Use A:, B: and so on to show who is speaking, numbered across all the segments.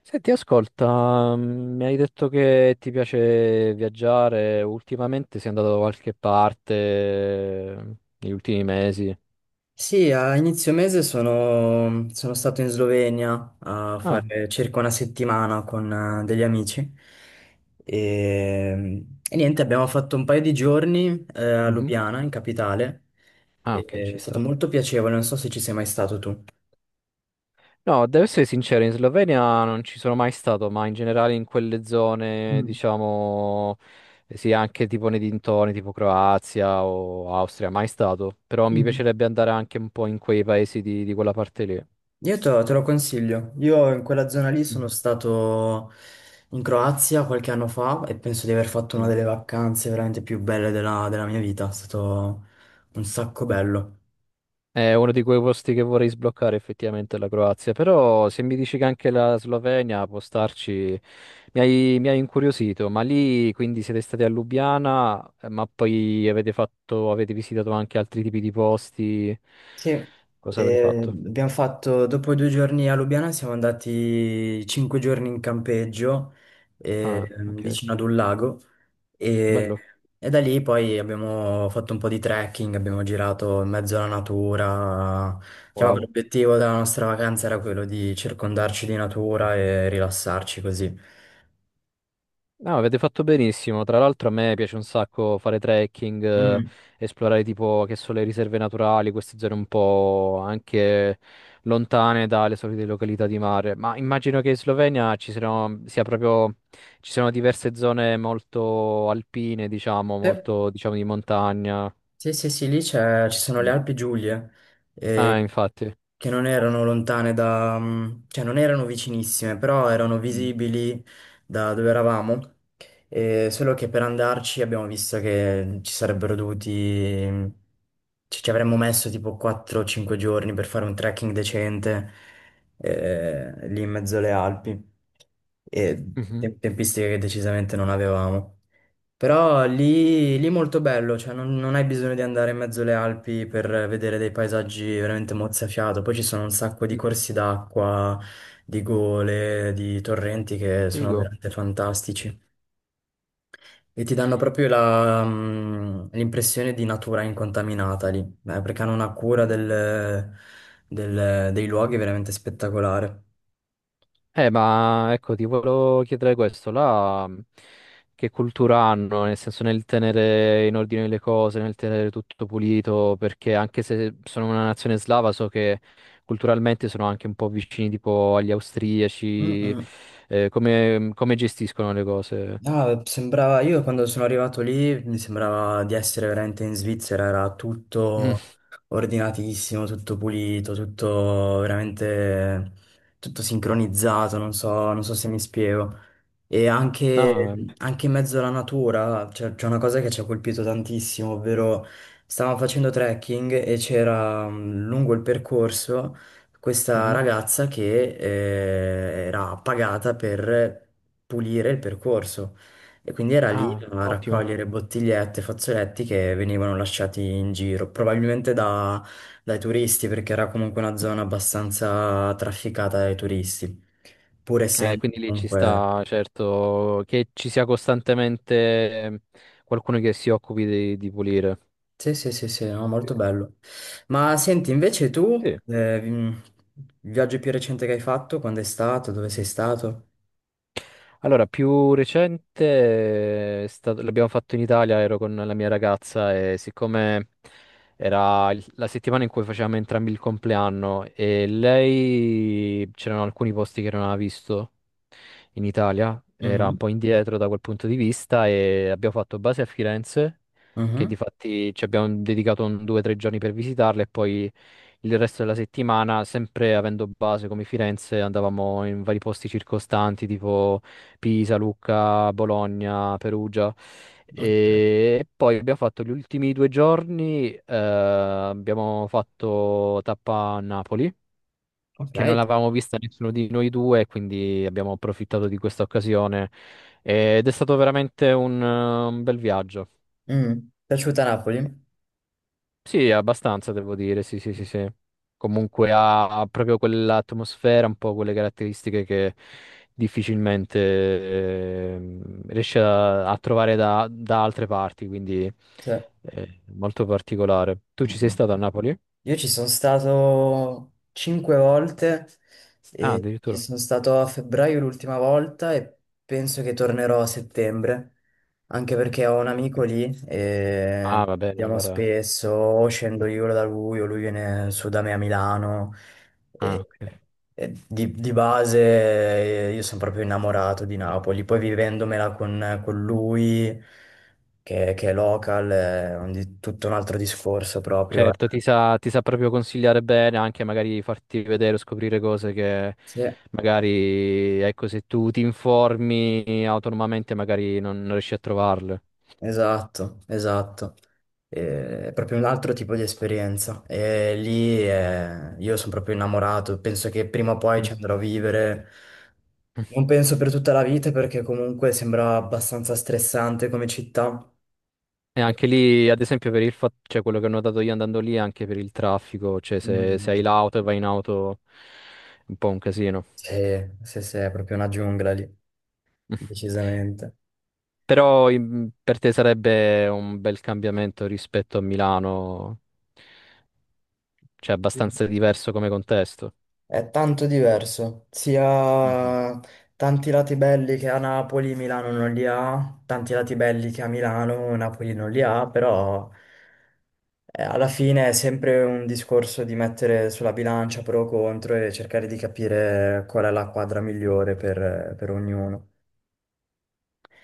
A: Senti, ascolta, mi hai detto che ti piace viaggiare. Ultimamente sei andato da qualche parte negli ultimi mesi?
B: Sì, a inizio mese sono stato in Slovenia a
A: Ah,
B: fare circa una settimana con degli amici e, niente, abbiamo fatto un paio di giorni a
A: mhm.
B: Lubiana, in capitale,
A: Ah,
B: e-
A: ok,
B: è
A: ci
B: stato
A: sta.
B: molto piacevole, non so se ci sei mai stato tu.
A: No, devo essere sincero, in Slovenia non ci sono mai stato, ma in generale in quelle zone,
B: Mm.
A: diciamo, sì, anche tipo nei dintorni, tipo Croazia o Austria, mai stato, però mi
B: Mhm.
A: piacerebbe andare anche un po' in quei paesi di quella parte lì.
B: Io te lo consiglio, io in quella zona lì sono
A: Mhm.
B: stato in Croazia qualche anno fa e penso di aver fatto una
A: Mm.
B: delle vacanze veramente più belle della mia vita, è stato un sacco bello.
A: È uno di quei posti che vorrei sbloccare effettivamente, la Croazia, però se mi dici che anche la Slovenia può starci, mi hai incuriosito. Ma lì quindi siete stati a Lubiana, ma poi avete fatto, avete visitato anche altri tipi di posti,
B: Sì,
A: cosa avete fatto?
B: abbiamo fatto, dopo 2 giorni a Lubiana siamo andati 5 giorni in campeggio eh,
A: Ah, ok,
B: vicino ad un lago e,
A: bello,
B: da lì poi abbiamo fatto un po' di trekking, abbiamo girato in mezzo alla natura. Diciamo che
A: wow.
B: l'obiettivo della nostra vacanza era quello di circondarci di natura e rilassarci così.
A: No, avete fatto benissimo. Tra l'altro a me piace un sacco fare trekking,
B: Mm.
A: esplorare tipo che sono le riserve naturali, queste zone un po' anche lontane dalle solite località di mare. Ma immagino che in Slovenia ci siano, sia proprio, ci siano diverse zone molto alpine, diciamo,
B: Sì.
A: molto, diciamo, di montagna.
B: Sì, sì, sì, lì ci sono le
A: Mm.
B: Alpi Giulie, eh,
A: Ah, infatti.
B: che non erano lontane cioè non erano vicinissime, però erano
A: Mm.
B: visibili da dove eravamo, solo che per andarci abbiamo visto che ci sarebbero dovuti... mm, ci avremmo messo tipo 4-5 giorni per fare un trekking decente, lì in mezzo alle Alpi, e
A: Mhm.
B: tempistiche che decisamente non avevamo. Però lì, lì molto bello, cioè non hai bisogno di andare in mezzo alle Alpi per vedere dei paesaggi veramente mozzafiato. Poi ci sono un sacco di
A: Mhm.
B: corsi d'acqua, di gole, di torrenti che sono
A: Figo.
B: veramente fantastici. E ti danno proprio l'impressione di natura incontaminata lì, perché hanno una cura dei luoghi veramente spettacolare.
A: Ma ecco, ti volevo chiedere questo, là che cultura hanno, nel senso nel tenere in ordine le cose, nel tenere tutto pulito, perché anche se sono una nazione slava, so che culturalmente sono anche un po' vicini tipo agli
B: Mm,
A: austriaci.
B: mm.
A: Come, come gestiscono le cose?
B: No, sembrava, io quando sono arrivato lì mi sembrava di essere veramente in Svizzera, era
A: Mm.
B: tutto ordinatissimo, tutto pulito, tutto veramente, tutto sincronizzato, non so se mi spiego. E anche,
A: No,
B: anche in mezzo alla natura c'è una cosa che ci ha colpito tantissimo, ovvero stavamo facendo trekking e c'era lungo il percorso questa
A: mhm.
B: ragazza che era pagata per pulire il percorso e quindi era lì
A: Ah,
B: a
A: ottimo.
B: raccogliere bottigliette, fazzoletti che venivano lasciati in giro, probabilmente dai turisti perché era comunque una zona abbastanza trafficata dai turisti, pur essendo
A: Quindi lì ci
B: comunque...
A: sta, certo, che ci sia costantemente qualcuno che si occupi di pulire.
B: Sì, sì, sì, sì, no, molto bello. Ma senti, invece tu,
A: Sì.
B: il viaggio più recente che hai fatto, quando è stato, dove sei stato?
A: Allora, più recente l'abbiamo fatto in Italia. Ero con la mia ragazza e siccome era la settimana in cui facevamo entrambi il compleanno e lei c'erano alcuni posti che non aveva visto in Italia, era un
B: Mhm,
A: po' indietro da quel punto di vista, e abbiamo fatto base a Firenze, che di
B: mhm.
A: fatti ci abbiamo dedicato un, due o tre giorni per visitarla, e poi il resto della settimana, sempre avendo base come Firenze, andavamo in vari posti circostanti, tipo Pisa, Lucca, Bologna, Perugia.
B: Ok.
A: E poi abbiamo fatto gli ultimi due giorni, abbiamo fatto tappa a Napoli,
B: Ok.
A: che non l'avevamo vista nessuno di noi due, quindi abbiamo approfittato di questa occasione ed è stato veramente un bel viaggio.
B: Mm. Piaciuta Napoli?
A: Sì, abbastanza, devo dire, sì, sì, sì, sì. Comunque ha proprio quell'atmosfera, un po' quelle caratteristiche che difficilmente riesce a trovare da altre parti, quindi
B: Sì.
A: molto particolare. Tu ci sei
B: Mhm.
A: stato a Napoli?
B: Io ci sono stato cinque volte
A: Ah,
B: e ci
A: addirittura.
B: sono stato a febbraio l'ultima volta e penso che tornerò a settembre, anche perché ho un
A: Ah,
B: amico
A: ok.
B: lì e
A: Ah, va bene,
B: andiamo
A: allora.
B: spesso, o scendo io da lui o lui viene su da me a Milano
A: Ah,
B: e,
A: ok.
B: di base io sono proprio innamorato di Napoli, poi vivendomela con lui che è local è tutto un altro discorso proprio.
A: Certo, ti sa proprio consigliare bene, anche magari farti vedere o scoprire cose che
B: Sì.
A: magari, ecco, se tu ti informi autonomamente magari non, non riesci a trovarle.
B: Esatto, esatto. È proprio un altro tipo di esperienza. E lì io sono proprio innamorato. Penso che prima o poi
A: Mm.
B: ci andrò a vivere. Non penso per tutta la vita perché comunque sembra abbastanza stressante come città.
A: E
B: E,
A: anche lì, ad esempio, per il fatto, cioè quello che ho notato io andando lì, anche per il traffico, cioè se, se hai
B: mm,
A: l'auto e vai in auto, un po' un casino.
B: sì, sì, sì, è proprio una giungla lì, decisamente.
A: Però per te sarebbe un bel cambiamento rispetto a Milano, cioè abbastanza diverso come contesto.
B: È tanto diverso, sia
A: Mhm.
B: tanti lati belli che a Napoli, Milano non li ha, tanti lati belli che a Milano, Napoli non li ha, però alla fine è sempre un discorso di mettere sulla bilancia pro o contro e cercare di capire qual è la quadra migliore per ognuno.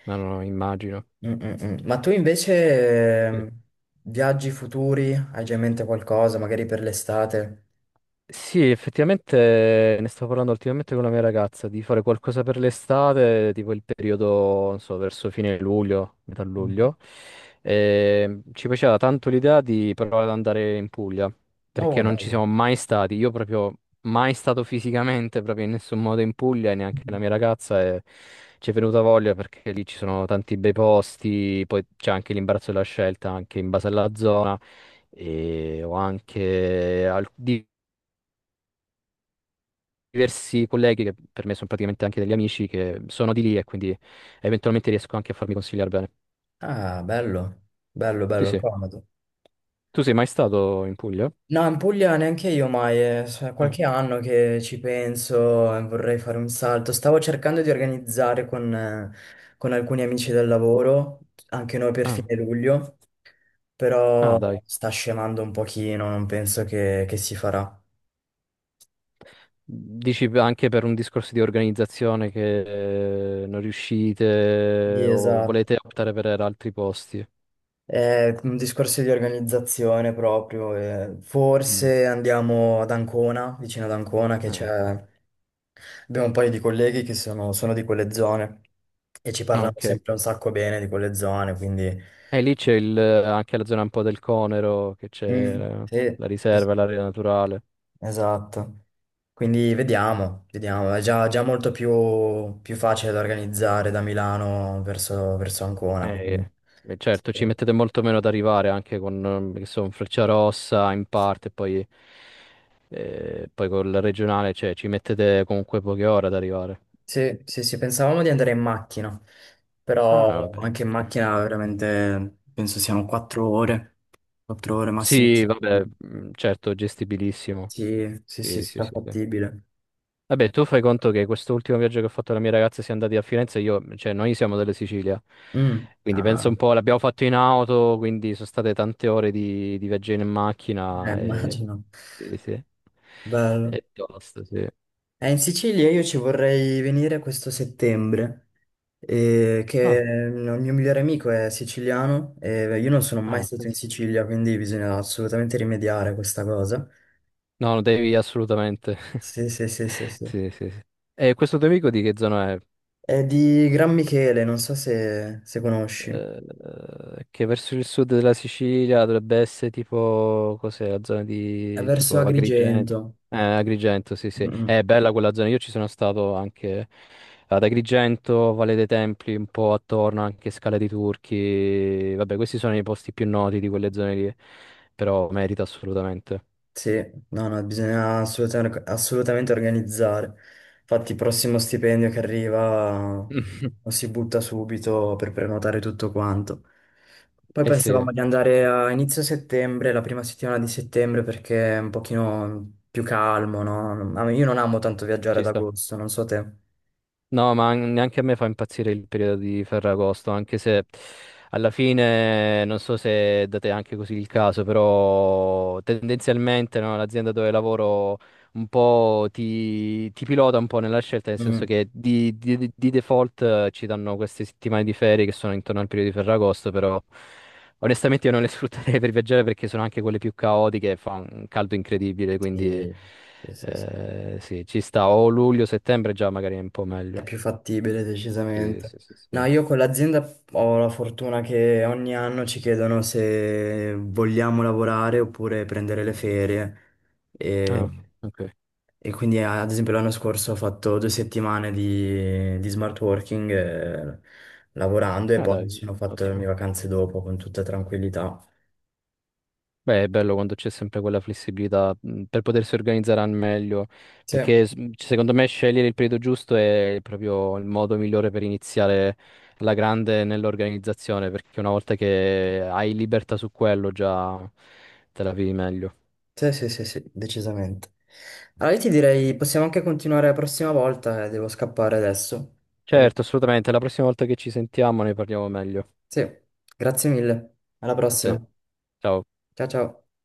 A: Ma non lo immagino.
B: Mm, mm, mm. Ma tu invece viaggi futuri? Hai già in mente qualcosa, magari per l'estate?
A: Sì, effettivamente ne stavo parlando ultimamente con la mia ragazza di fare qualcosa per l'estate, tipo il periodo, non so, verso fine luglio, metà
B: Mm.
A: luglio. E ci piaceva tanto l'idea di provare ad andare in Puglia, perché
B: Oh,
A: non ci
B: bello.
A: siamo mai stati. Io proprio mai stato fisicamente, proprio in nessun modo in Puglia, e neanche la mia ragazza, e ci è venuta voglia perché lì ci sono tanti bei posti, poi c'è anche l'imbarazzo della scelta, anche in base alla zona, e ho anche diversi colleghi che per me sono praticamente anche degli amici che sono di lì e quindi eventualmente riesco anche a farmi consigliare bene.
B: Ah, bello, bello,
A: Sì,
B: bello,
A: sì.
B: comodo.
A: Tu sei mai stato in Puglia?
B: No, in Puglia neanche io mai, è
A: Ah,
B: qualche anno che ci penso e vorrei fare un salto. Stavo cercando di organizzare con alcuni amici del lavoro, anche noi per
A: ah,
B: fine
A: ok.
B: luglio, però
A: Ah, dai.
B: sta scemando un pochino, non penso che si farà.
A: Dici anche per un discorso di organizzazione che non
B: Sì,
A: riuscite o
B: esatto.
A: volete optare per altri posti?
B: È un discorso di organizzazione proprio.
A: Mm.
B: Forse andiamo ad Ancona, vicino ad Ancona, che c'è
A: Ah, ok.
B: Abbiamo un paio di colleghi che sono di quelle zone e ci
A: Ah,
B: parlano
A: ok.
B: sempre un sacco bene di quelle zone, quindi.
A: E lì anche la zona un po' del Conero, che c'è
B: Mm,
A: la,
B: sì,
A: la
B: sì, sì,
A: riserva, l'area naturale.
B: esatto. Quindi vediamo, vediamo. È già molto più facile da organizzare da Milano verso Ancona, quindi.
A: Eh, certo, ci mettete molto meno ad arrivare anche con, che so, un Frecciarossa in parte, poi, poi col regionale, cioè ci mettete comunque poche ore ad arrivare.
B: Sì, sì, sì, pensavamo di andare in macchina,
A: Ah,
B: però
A: vabbè.
B: anche in macchina veramente penso siano 4 ore, 4 ore massimo.
A: Sì, vabbè, certo, gestibilissimo.
B: Sì, sì, sì,
A: Sì, sì, sì, sì.
B: strafattibile.
A: Vabbè, tu fai conto che quest'ultimo viaggio che ho fatto con la mia ragazza siamo andati a Firenze, io, cioè noi siamo della Sicilia,
B: Mm,
A: quindi
B: ah,
A: penso un po', l'abbiamo fatto in auto, quindi sono state tante ore di viaggio in macchina e,
B: immagino.
A: sì, sì.
B: Bello.
A: E tosto, sì.
B: In Sicilia io ci vorrei venire questo settembre, che
A: Ah,
B: il mio migliore amico è siciliano e io non sono mai
A: ah,
B: stato in
A: penso-
B: Sicilia, quindi bisogna assolutamente rimediare a questa cosa.
A: no, devi assolutamente.
B: Sì, sì, sì, sì, sì.
A: Sì, sì, sì. E questo tuo amico di che zona è?
B: È di Gran Michele, non so se conosci. È
A: Eh, che verso il sud della Sicilia dovrebbe essere tipo, cos'è, la zona di
B: verso
A: tipo Agrigento.
B: Agrigento.
A: Agrigento, sì, sì.
B: Mm. Mm.
A: È bella quella zona. Io ci sono stato anche ad Agrigento, Valle dei Templi, un po' attorno, anche Scala dei Turchi. Vabbè, questi sono i posti più noti di quelle zone lì, però merita assolutamente.
B: Sì, no, no, bisogna assolutamente, assolutamente organizzare. Infatti, il prossimo stipendio che arriva lo si butta subito per prenotare tutto quanto. Poi
A: Eh sì,
B: pensavamo di andare a inizio settembre, la prima settimana di settembre, perché è un pochino più calmo, no? Io non amo tanto viaggiare
A: ci
B: ad
A: sta.
B: agosto, non so te.
A: No, ma neanche a me fa impazzire il periodo di Ferragosto, anche se alla fine non so se date anche così il caso, però tendenzialmente no, l'azienda dove lavoro un po' ti pilota un po' nella scelta, nel senso
B: Mm.
A: che di default ci danno queste settimane di ferie che sono intorno al periodo di Ferragosto, però onestamente io non le sfrutterei per viaggiare perché sono anche quelle più caotiche, e fa un caldo incredibile, quindi...
B: Sì, sì, sì, sì.
A: Sì, ci sta. O luglio, settembre già magari è un po'
B: È
A: meglio.
B: più fattibile
A: Sì,
B: decisamente.
A: sì, sì,
B: No,
A: sì.
B: io con l'azienda ho la fortuna che ogni anno ci chiedono se vogliamo lavorare oppure prendere le ferie.
A: Ah,
B: E,
A: ok.
B: e quindi, ad esempio, l'anno scorso ho fatto 2 settimane di smart working lavorando e
A: Ah,
B: poi mi
A: dai,
B: sono fatto le mie
A: ottimo.
B: vacanze dopo con tutta tranquillità.
A: Beh, è bello quando c'è sempre quella flessibilità per potersi organizzare al meglio,
B: Sì,
A: perché secondo me scegliere il periodo giusto è proprio il modo migliore per iniziare alla grande nell'organizzazione, perché una volta che hai libertà su quello già te la vivi meglio.
B: sì, sì, sì, sì, decisamente. Allora, io ti direi, possiamo anche continuare la prossima volta, devo scappare adesso.
A: Certo, assolutamente. La prossima volta che ci sentiamo ne parliamo meglio.
B: Sì, grazie mille. Alla
A: A te.
B: prossima.
A: Ciao.
B: Ciao ciao.